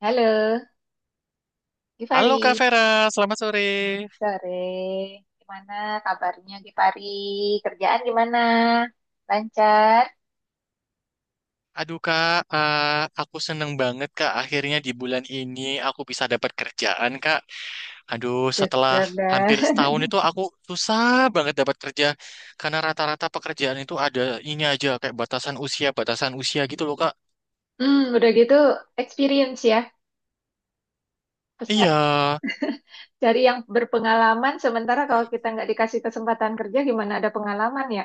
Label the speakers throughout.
Speaker 1: Halo,
Speaker 2: Halo Kak
Speaker 1: Gifari.
Speaker 2: Vera, selamat sore.
Speaker 1: Sore. Gimana kabarnya Gifari? Kerjaan gimana? Lancar?
Speaker 2: Aduh Kak, aku seneng banget Kak. Akhirnya di bulan ini aku bisa dapat kerjaan Kak. Aduh, setelah
Speaker 1: Syukur dah.
Speaker 2: hampir setahun itu aku susah banget dapat kerja karena rata-rata pekerjaan itu ada ini aja kayak batasan usia gitu loh Kak.
Speaker 1: Hmm, udah gitu experience ya.
Speaker 2: Iya.
Speaker 1: Pesa- Cari yang berpengalaman, sementara kalau kita nggak dikasih kesempatan kerja, gimana ada pengalaman ya?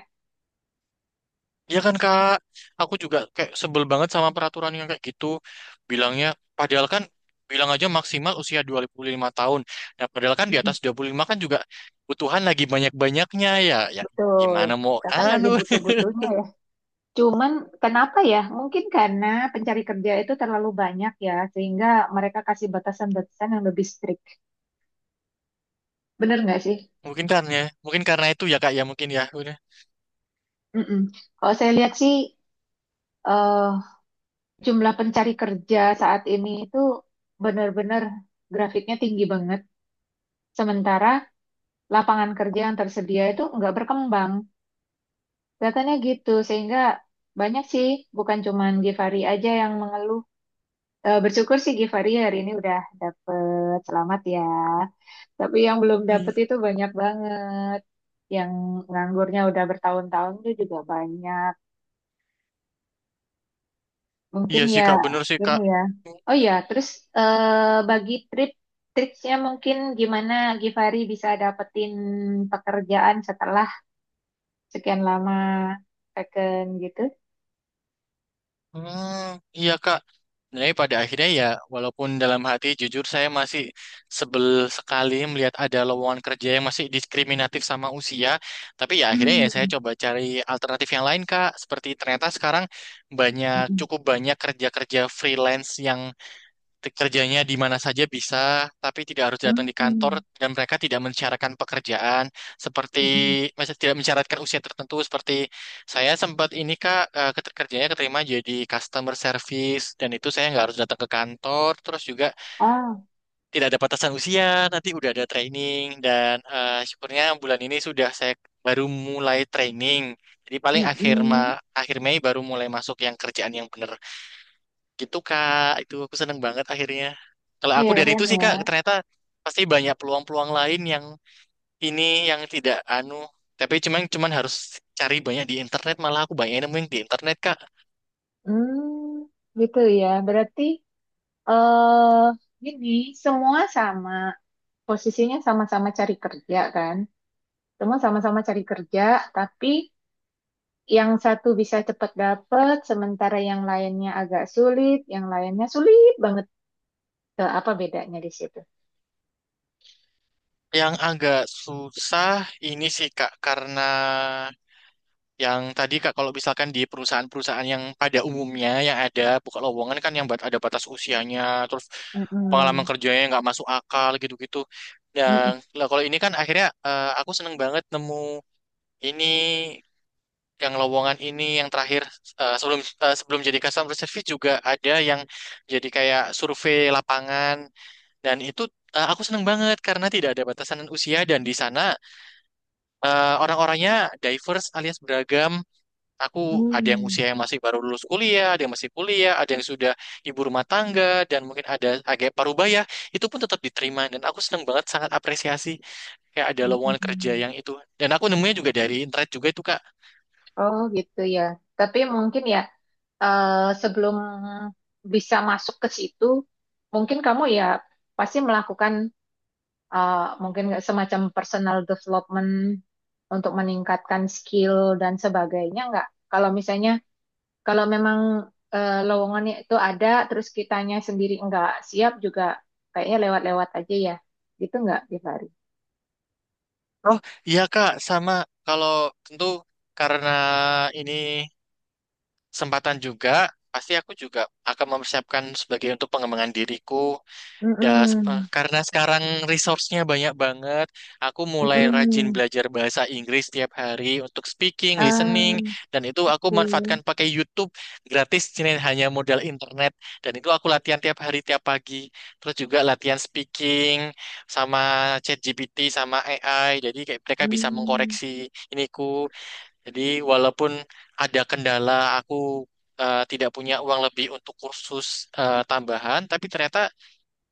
Speaker 2: Iya kan Kak, aku juga kayak sebel banget sama peraturan yang kayak gitu. Bilangnya, padahal kan bilang aja maksimal usia 25 tahun. Nah, padahal kan di atas
Speaker 1: Mm-mm.
Speaker 2: 25 kan juga kebutuhan lagi banyak-banyaknya ya. Ya
Speaker 1: Betul.
Speaker 2: gimana mau
Speaker 1: Kita kan lagi
Speaker 2: anu.
Speaker 1: butuh-butuhnya ya. Cuman kenapa ya? Mungkin karena pencari kerja itu terlalu banyak ya, sehingga mereka kasih batasan-batasan yang lebih strict. Bener nggak sih?
Speaker 2: Mungkin karena mungkin karena itu ya Kak ya mungkin ya. Udah.
Speaker 1: Mm-mm. Kalau saya lihat sih eh, jumlah pencari kerja saat ini itu benar-benar grafiknya tinggi banget. Sementara lapangan kerja yang tersedia itu nggak berkembang. Kelihatannya gitu, sehingga banyak sih, bukan cuman Givari aja yang mengeluh. Bersyukur sih Givari hari ini udah dapet, selamat ya. Tapi yang belum dapet itu banyak banget. Yang nganggurnya udah bertahun-tahun itu juga banyak.
Speaker 2: Iya
Speaker 1: Mungkin
Speaker 2: sih
Speaker 1: ya,
Speaker 2: Kak, bener sih
Speaker 1: gini
Speaker 2: Kak.
Speaker 1: ya. Oh ya, terus bagi triksnya mungkin gimana Givari bisa dapetin pekerjaan setelah sekian lama vacation gitu?
Speaker 2: Hmm, iya Kak. Sebenarnya pada akhirnya ya, walaupun dalam hati jujur saya masih sebel sekali melihat ada lowongan kerja yang masih diskriminatif sama usia. Tapi ya akhirnya ya saya
Speaker 1: Hmm,
Speaker 2: coba cari alternatif yang lain Kak. Seperti ternyata sekarang banyak,
Speaker 1: mm-mm,
Speaker 2: cukup banyak kerja-kerja freelance yang kerjanya di mana saja bisa, tapi tidak harus datang di kantor
Speaker 1: mm-mm,
Speaker 2: dan mereka tidak mensyaratkan pekerjaan seperti
Speaker 1: mm-mm.
Speaker 2: maksudnya tidak mensyaratkan usia tertentu seperti saya sempat ini Kak kerjanya keterima jadi customer service dan itu saya nggak harus datang ke kantor terus juga
Speaker 1: Oh,
Speaker 2: tidak ada batasan usia nanti udah ada training dan syukurnya bulan ini sudah saya baru mulai training jadi paling akhir
Speaker 1: mm-mm.
Speaker 2: akhir Mei baru mulai masuk yang kerjaan yang benar. Gitu Kak, itu aku seneng banget akhirnya. Kalau
Speaker 1: Iya
Speaker 2: aku dari
Speaker 1: keren
Speaker 2: itu sih Kak,
Speaker 1: ya.
Speaker 2: ternyata pasti banyak peluang-peluang lain yang ini yang tidak anu. Tapi cuman cuman harus cari banyak di internet, malah aku banyak nemu yang di internet Kak.
Speaker 1: Hmm, gitu ya. Berarti eh gini, semua sama posisinya sama-sama cari kerja kan? Semua sama-sama cari kerja, tapi yang satu bisa cepat dapat, sementara yang lainnya agak sulit, yang lainnya sulit banget. Eh, apa bedanya di situ?
Speaker 2: Yang agak susah ini sih Kak, karena yang tadi Kak kalau misalkan di perusahaan-perusahaan yang pada umumnya yang ada buka lowongan kan yang ada batas usianya, terus pengalaman
Speaker 1: Mm-mm.
Speaker 2: kerjanya nggak masuk akal gitu-gitu. Dan
Speaker 1: Mm-mm.
Speaker 2: lah kalau ini kan akhirnya aku seneng banget nemu. Ini yang lowongan ini yang terakhir eh, sebelum sebelum jadi customer service juga ada yang jadi kayak survei lapangan dan itu aku seneng banget karena tidak ada batasan usia dan di sana orang-orangnya diverse alias beragam. Aku ada yang
Speaker 1: Hmm,
Speaker 2: usia yang masih baru lulus kuliah, ada yang masih kuliah, ada yang sudah ibu rumah tangga dan mungkin ada agak parubaya itu pun tetap diterima dan aku seneng banget sangat apresiasi kayak ada lowongan kerja
Speaker 1: mm-mm.
Speaker 2: yang itu dan aku nemunya juga dari internet juga itu Kak.
Speaker 1: Oh gitu ya. Tapi mungkin ya eh, sebelum bisa masuk ke situ, mungkin kamu ya pasti melakukan eh, mungkin nggak semacam personal development untuk meningkatkan skill dan sebagainya nggak? Kalau misalnya Kalau memang lowongannya itu ada, terus kitanya sendiri nggak siap juga, kayaknya lewat-lewat aja ya. Gitu nggak, Givari?
Speaker 2: Oh iya Kak, sama kalau tentu karena ini kesempatan juga, pasti aku juga akan mempersiapkan sebagai untuk pengembangan diriku. Ya,
Speaker 1: Mm-mm.
Speaker 2: karena sekarang resource-nya banyak banget, aku mulai rajin
Speaker 1: Mm-mm.
Speaker 2: belajar bahasa Inggris tiap hari untuk speaking, listening,
Speaker 1: Ah,
Speaker 2: dan itu aku
Speaker 1: oke.
Speaker 2: manfaatkan pakai YouTube gratis, jadi hanya modal internet. Dan itu aku latihan tiap hari, tiap pagi. Terus juga latihan speaking sama ChatGPT, sama AI. Jadi kayak mereka bisa
Speaker 1: Mm.
Speaker 2: mengkoreksi iniku. Jadi walaupun ada kendala, aku tidak punya uang lebih untuk kursus tambahan, tapi ternyata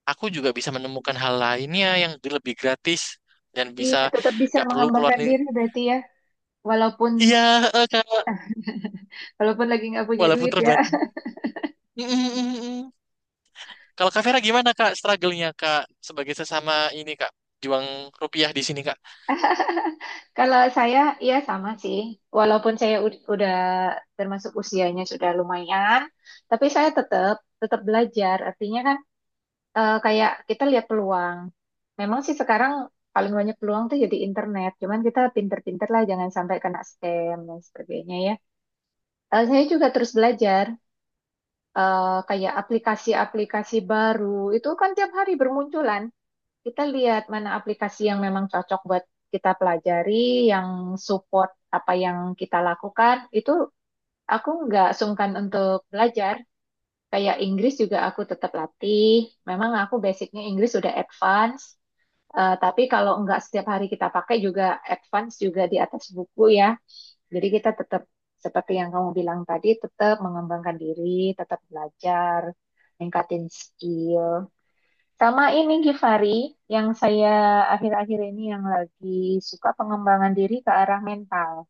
Speaker 2: aku juga bisa menemukan hal lainnya yang lebih gratis dan
Speaker 1: Iya,
Speaker 2: bisa
Speaker 1: tetap bisa
Speaker 2: gak perlu keluar
Speaker 1: mengembangkan
Speaker 2: nih.
Speaker 1: diri berarti ya. Walaupun
Speaker 2: Iya, Kak,
Speaker 1: walaupun lagi nggak punya
Speaker 2: walaupun
Speaker 1: duit ya.
Speaker 2: terbatas. Mm, mm, mm, mm. Kalau Kak Vera gimana Kak struggle-nya Kak sebagai sesama ini Kak juang rupiah di sini Kak?
Speaker 1: Kalau saya, ya sama sih. Walaupun saya udah termasuk usianya sudah lumayan, tapi saya tetap tetap belajar. Artinya kan kayak kita lihat peluang. Memang sih sekarang paling banyak peluang tuh jadi internet. Cuman kita pinter-pinter lah, jangan sampai kena scam dan sebagainya ya. Eh, saya juga terus belajar kayak aplikasi-aplikasi baru. Itu kan tiap hari bermunculan. Kita lihat mana aplikasi yang memang cocok buat kita pelajari, yang support apa yang kita lakukan. Itu aku nggak sungkan untuk belajar. Kayak Inggris juga aku tetap latih. Memang aku basicnya Inggris udah advance. Eh, tapi kalau nggak setiap hari kita pakai juga, advance juga di atas buku ya. Jadi kita tetap seperti yang kamu bilang tadi, tetap mengembangkan diri, tetap belajar, meningkatin skill. Sama ini Givari, yang saya akhir-akhir ini yang lagi suka pengembangan diri ke arah mental.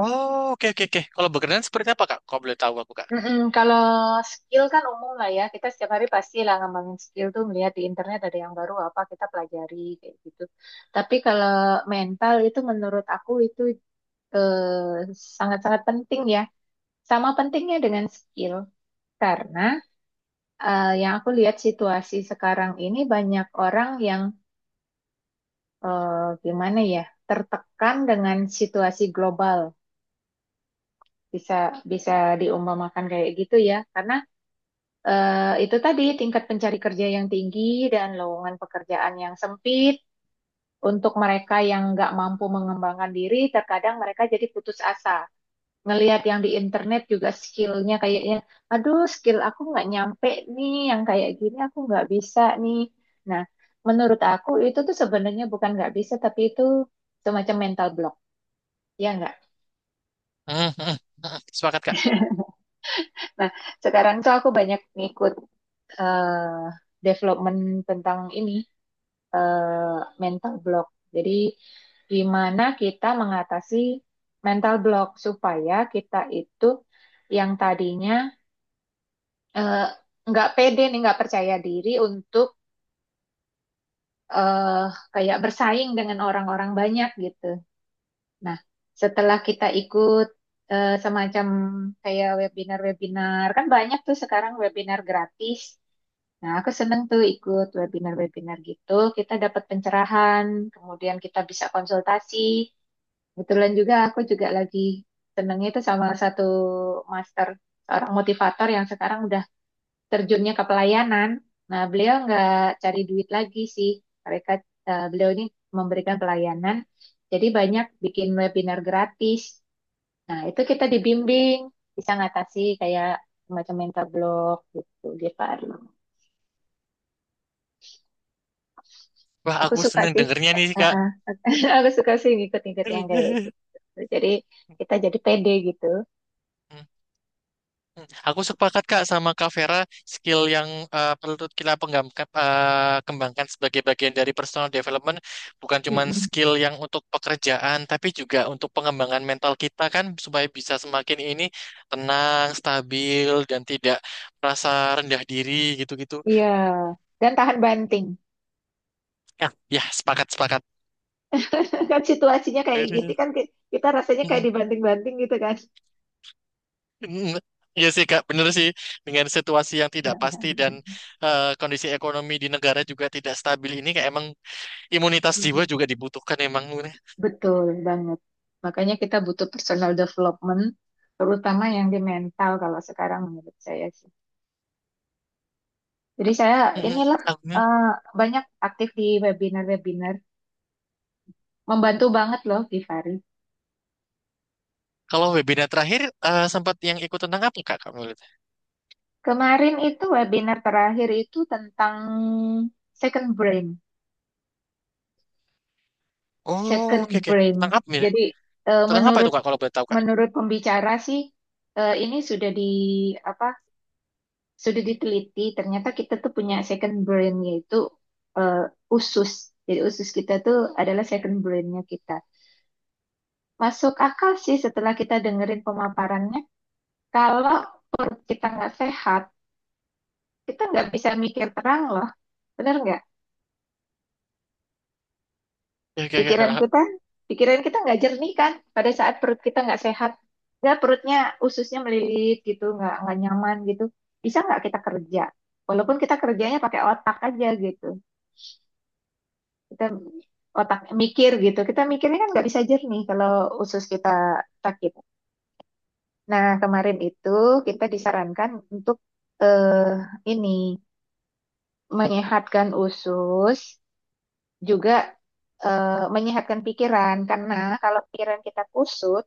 Speaker 2: Oh, oke oke oke. Kalau berkenan seperti apa Kak? Kok boleh tahu aku Kak?
Speaker 1: Mm-mm, kalau skill kan umum lah ya, kita setiap hari pasti lah ngembangin skill tuh melihat di internet ada yang baru apa kita pelajari kayak gitu. Tapi kalau mental itu menurut aku itu eh, sangat-sangat penting ya. Sama pentingnya dengan skill. Karena yang aku lihat situasi sekarang ini banyak orang yang eh, gimana ya, tertekan dengan situasi global. Bisa Bisa diumpamakan kayak gitu ya. Karena itu tadi tingkat pencari kerja yang tinggi dan lowongan pekerjaan yang sempit. Untuk mereka yang nggak mampu mengembangkan diri, terkadang mereka jadi putus asa. Ngelihat yang di internet juga skillnya kayaknya, aduh skill aku nggak nyampe nih, yang kayak gini aku nggak bisa nih. Nah, menurut aku itu tuh sebenarnya bukan nggak bisa, tapi itu semacam mental block, ya nggak?
Speaker 2: Mm, mm, mm, mm. Sepakat Kak.
Speaker 1: Nah, sekarang tuh aku banyak ngikut eh, development tentang ini, eh, mental block. Jadi gimana kita mengatasi mental block supaya kita itu yang tadinya eh, nggak pede nih, nggak percaya diri untuk eh, kayak bersaing dengan orang-orang banyak gitu. Nah, setelah kita ikut semacam kayak webinar-webinar, kan banyak tuh sekarang webinar gratis. Nah, aku seneng tuh ikut webinar-webinar gitu. Kita dapat pencerahan, kemudian kita bisa konsultasi. Kebetulan juga aku juga lagi senengnya itu sama satu master, seorang motivator yang sekarang udah terjunnya ke pelayanan. Nah, beliau nggak cari duit lagi sih. Mereka beliau ini memberikan pelayanan. Jadi banyak bikin webinar gratis. Nah, itu kita dibimbing bisa ngatasi kayak macam mental block gitu dia Arlo.
Speaker 2: Wah,
Speaker 1: Aku
Speaker 2: aku
Speaker 1: suka
Speaker 2: seneng
Speaker 1: sih.
Speaker 2: dengernya nih Kak.
Speaker 1: Heeh. Aku suka sih ngikut-ngikut yang kayak gitu. Jadi kita jadi pede gitu.
Speaker 2: Hmm, aku sepakat Kak sama Kak Vera, skill yang perlu kita kembangkan sebagai bagian dari personal development bukan cuma
Speaker 1: Mm-mm.
Speaker 2: skill yang untuk pekerjaan, tapi juga untuk pengembangan mental kita kan supaya bisa semakin ini tenang, stabil, dan tidak merasa rendah diri gitu-gitu.
Speaker 1: Iya. Dan tahan banting.
Speaker 2: Ya, ya sepakat sepakat.
Speaker 1: Kan situasinya kayak gitu
Speaker 2: Mm,
Speaker 1: kan, kita rasanya kayak dibanting-banting gitu kan.
Speaker 2: mm. Iya sih Kak, bener sih dengan situasi yang tidak pasti dan kondisi ekonomi di negara juga tidak stabil ini kayak emang imunitas jiwa juga dibutuhkan emang Luna.
Speaker 1: Betul banget. Makanya kita butuh personal development, terutama yang di mental kalau sekarang menurut saya sih. Jadi saya
Speaker 2: Mm-mm.
Speaker 1: inilah
Speaker 2: Aku-
Speaker 1: eh, banyak aktif di webinar-webinar, membantu banget loh Givari.
Speaker 2: Kalau webinar terakhir sempat yang ikut tentang apa Kak kamu lihat?
Speaker 1: Kemarin itu webinar terakhir itu tentang second brain,
Speaker 2: Oh,
Speaker 1: second
Speaker 2: oke oke.
Speaker 1: brain.
Speaker 2: Tentang apa ya?
Speaker 1: Jadi eh,
Speaker 2: Tentang apa itu
Speaker 1: menurut
Speaker 2: Kak kalau boleh tahu Kak?
Speaker 1: menurut pembicara sih, ini sudah di apa, sudah diteliti ternyata kita tuh punya second brain, yaitu eh, usus. Jadi usus kita tuh adalah second brainnya kita. Masuk akal sih setelah kita dengerin pemaparannya. Kalau perut kita nggak sehat, kita nggak bisa mikir terang loh, bener nggak?
Speaker 2: Oke oke
Speaker 1: Pikiran kita,
Speaker 2: oke.
Speaker 1: pikiran kita nggak jernih kan pada saat perut kita nggak sehat, nggak, perutnya ususnya melilit gitu, nggak nyaman gitu. Bisa nggak kita kerja, walaupun kita kerjanya pakai otak aja gitu? Kita otak mikir gitu, kita mikirnya kan nggak bisa jernih kalau usus kita sakit. Nah, kemarin itu kita disarankan untuk eh, ini menyehatkan usus, juga eh, menyehatkan pikiran. Karena kalau pikiran kita kusut,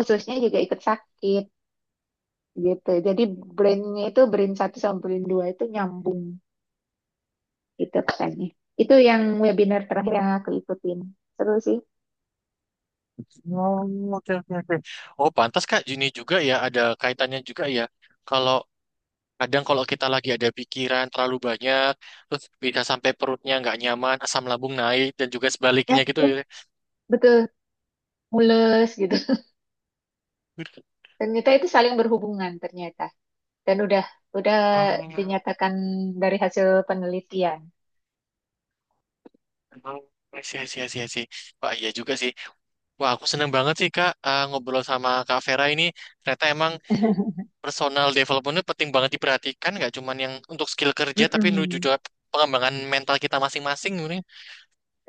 Speaker 1: ususnya juga ikut sakit gitu. Jadi brainnya itu brain satu sama brain dua itu nyambung, gitu katanya. Itu yang webinar terakhir yang aku ikutin, seru sih.
Speaker 2: Oh, oke oke oke. Oh, pantas Kak Juni juga ya ada kaitannya juga ya. Kalau kadang kalau kita lagi ada pikiran terlalu banyak terus bisa sampai perutnya nggak nyaman, asam lambung naik dan juga
Speaker 1: Ya,
Speaker 2: sebaliknya gitu
Speaker 1: ya,
Speaker 2: ya.
Speaker 1: betul, mules gitu. Ternyata itu saling berhubungan ternyata. Dan udah
Speaker 2: Oh,
Speaker 1: dinyatakan dari hasil penelitian.
Speaker 2: oh, I see, I see, I see, I see. Wah, iya juga sih. Wah, aku seneng banget sih Kak ngobrol sama Kak Vera ini. Ternyata emang personal development itu penting banget diperhatikan, nggak cuman yang untuk skill kerja, tapi menuju
Speaker 1: Mm-mm.
Speaker 2: juga pengembangan mental kita masing-masing ini.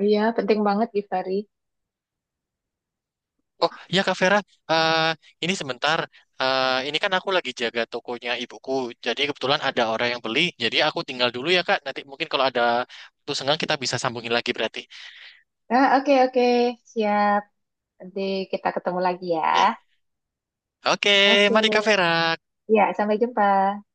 Speaker 1: Iya, penting banget Givari.
Speaker 2: Oh iya Kak Vera, eh, ini sebentar. Ini kan aku lagi jaga tokonya ibuku, jadi kebetulan ada orang yang beli. Jadi aku tinggal dulu ya Kak. Nanti mungkin kalau ada waktu senggang kita bisa sambungin lagi berarti.
Speaker 1: Nah, oke oke, siap. Nanti kita ketemu lagi ya.
Speaker 2: Oke, oke,
Speaker 1: Oke.
Speaker 2: mari Kak Vera.
Speaker 1: Ya, sampai jumpa.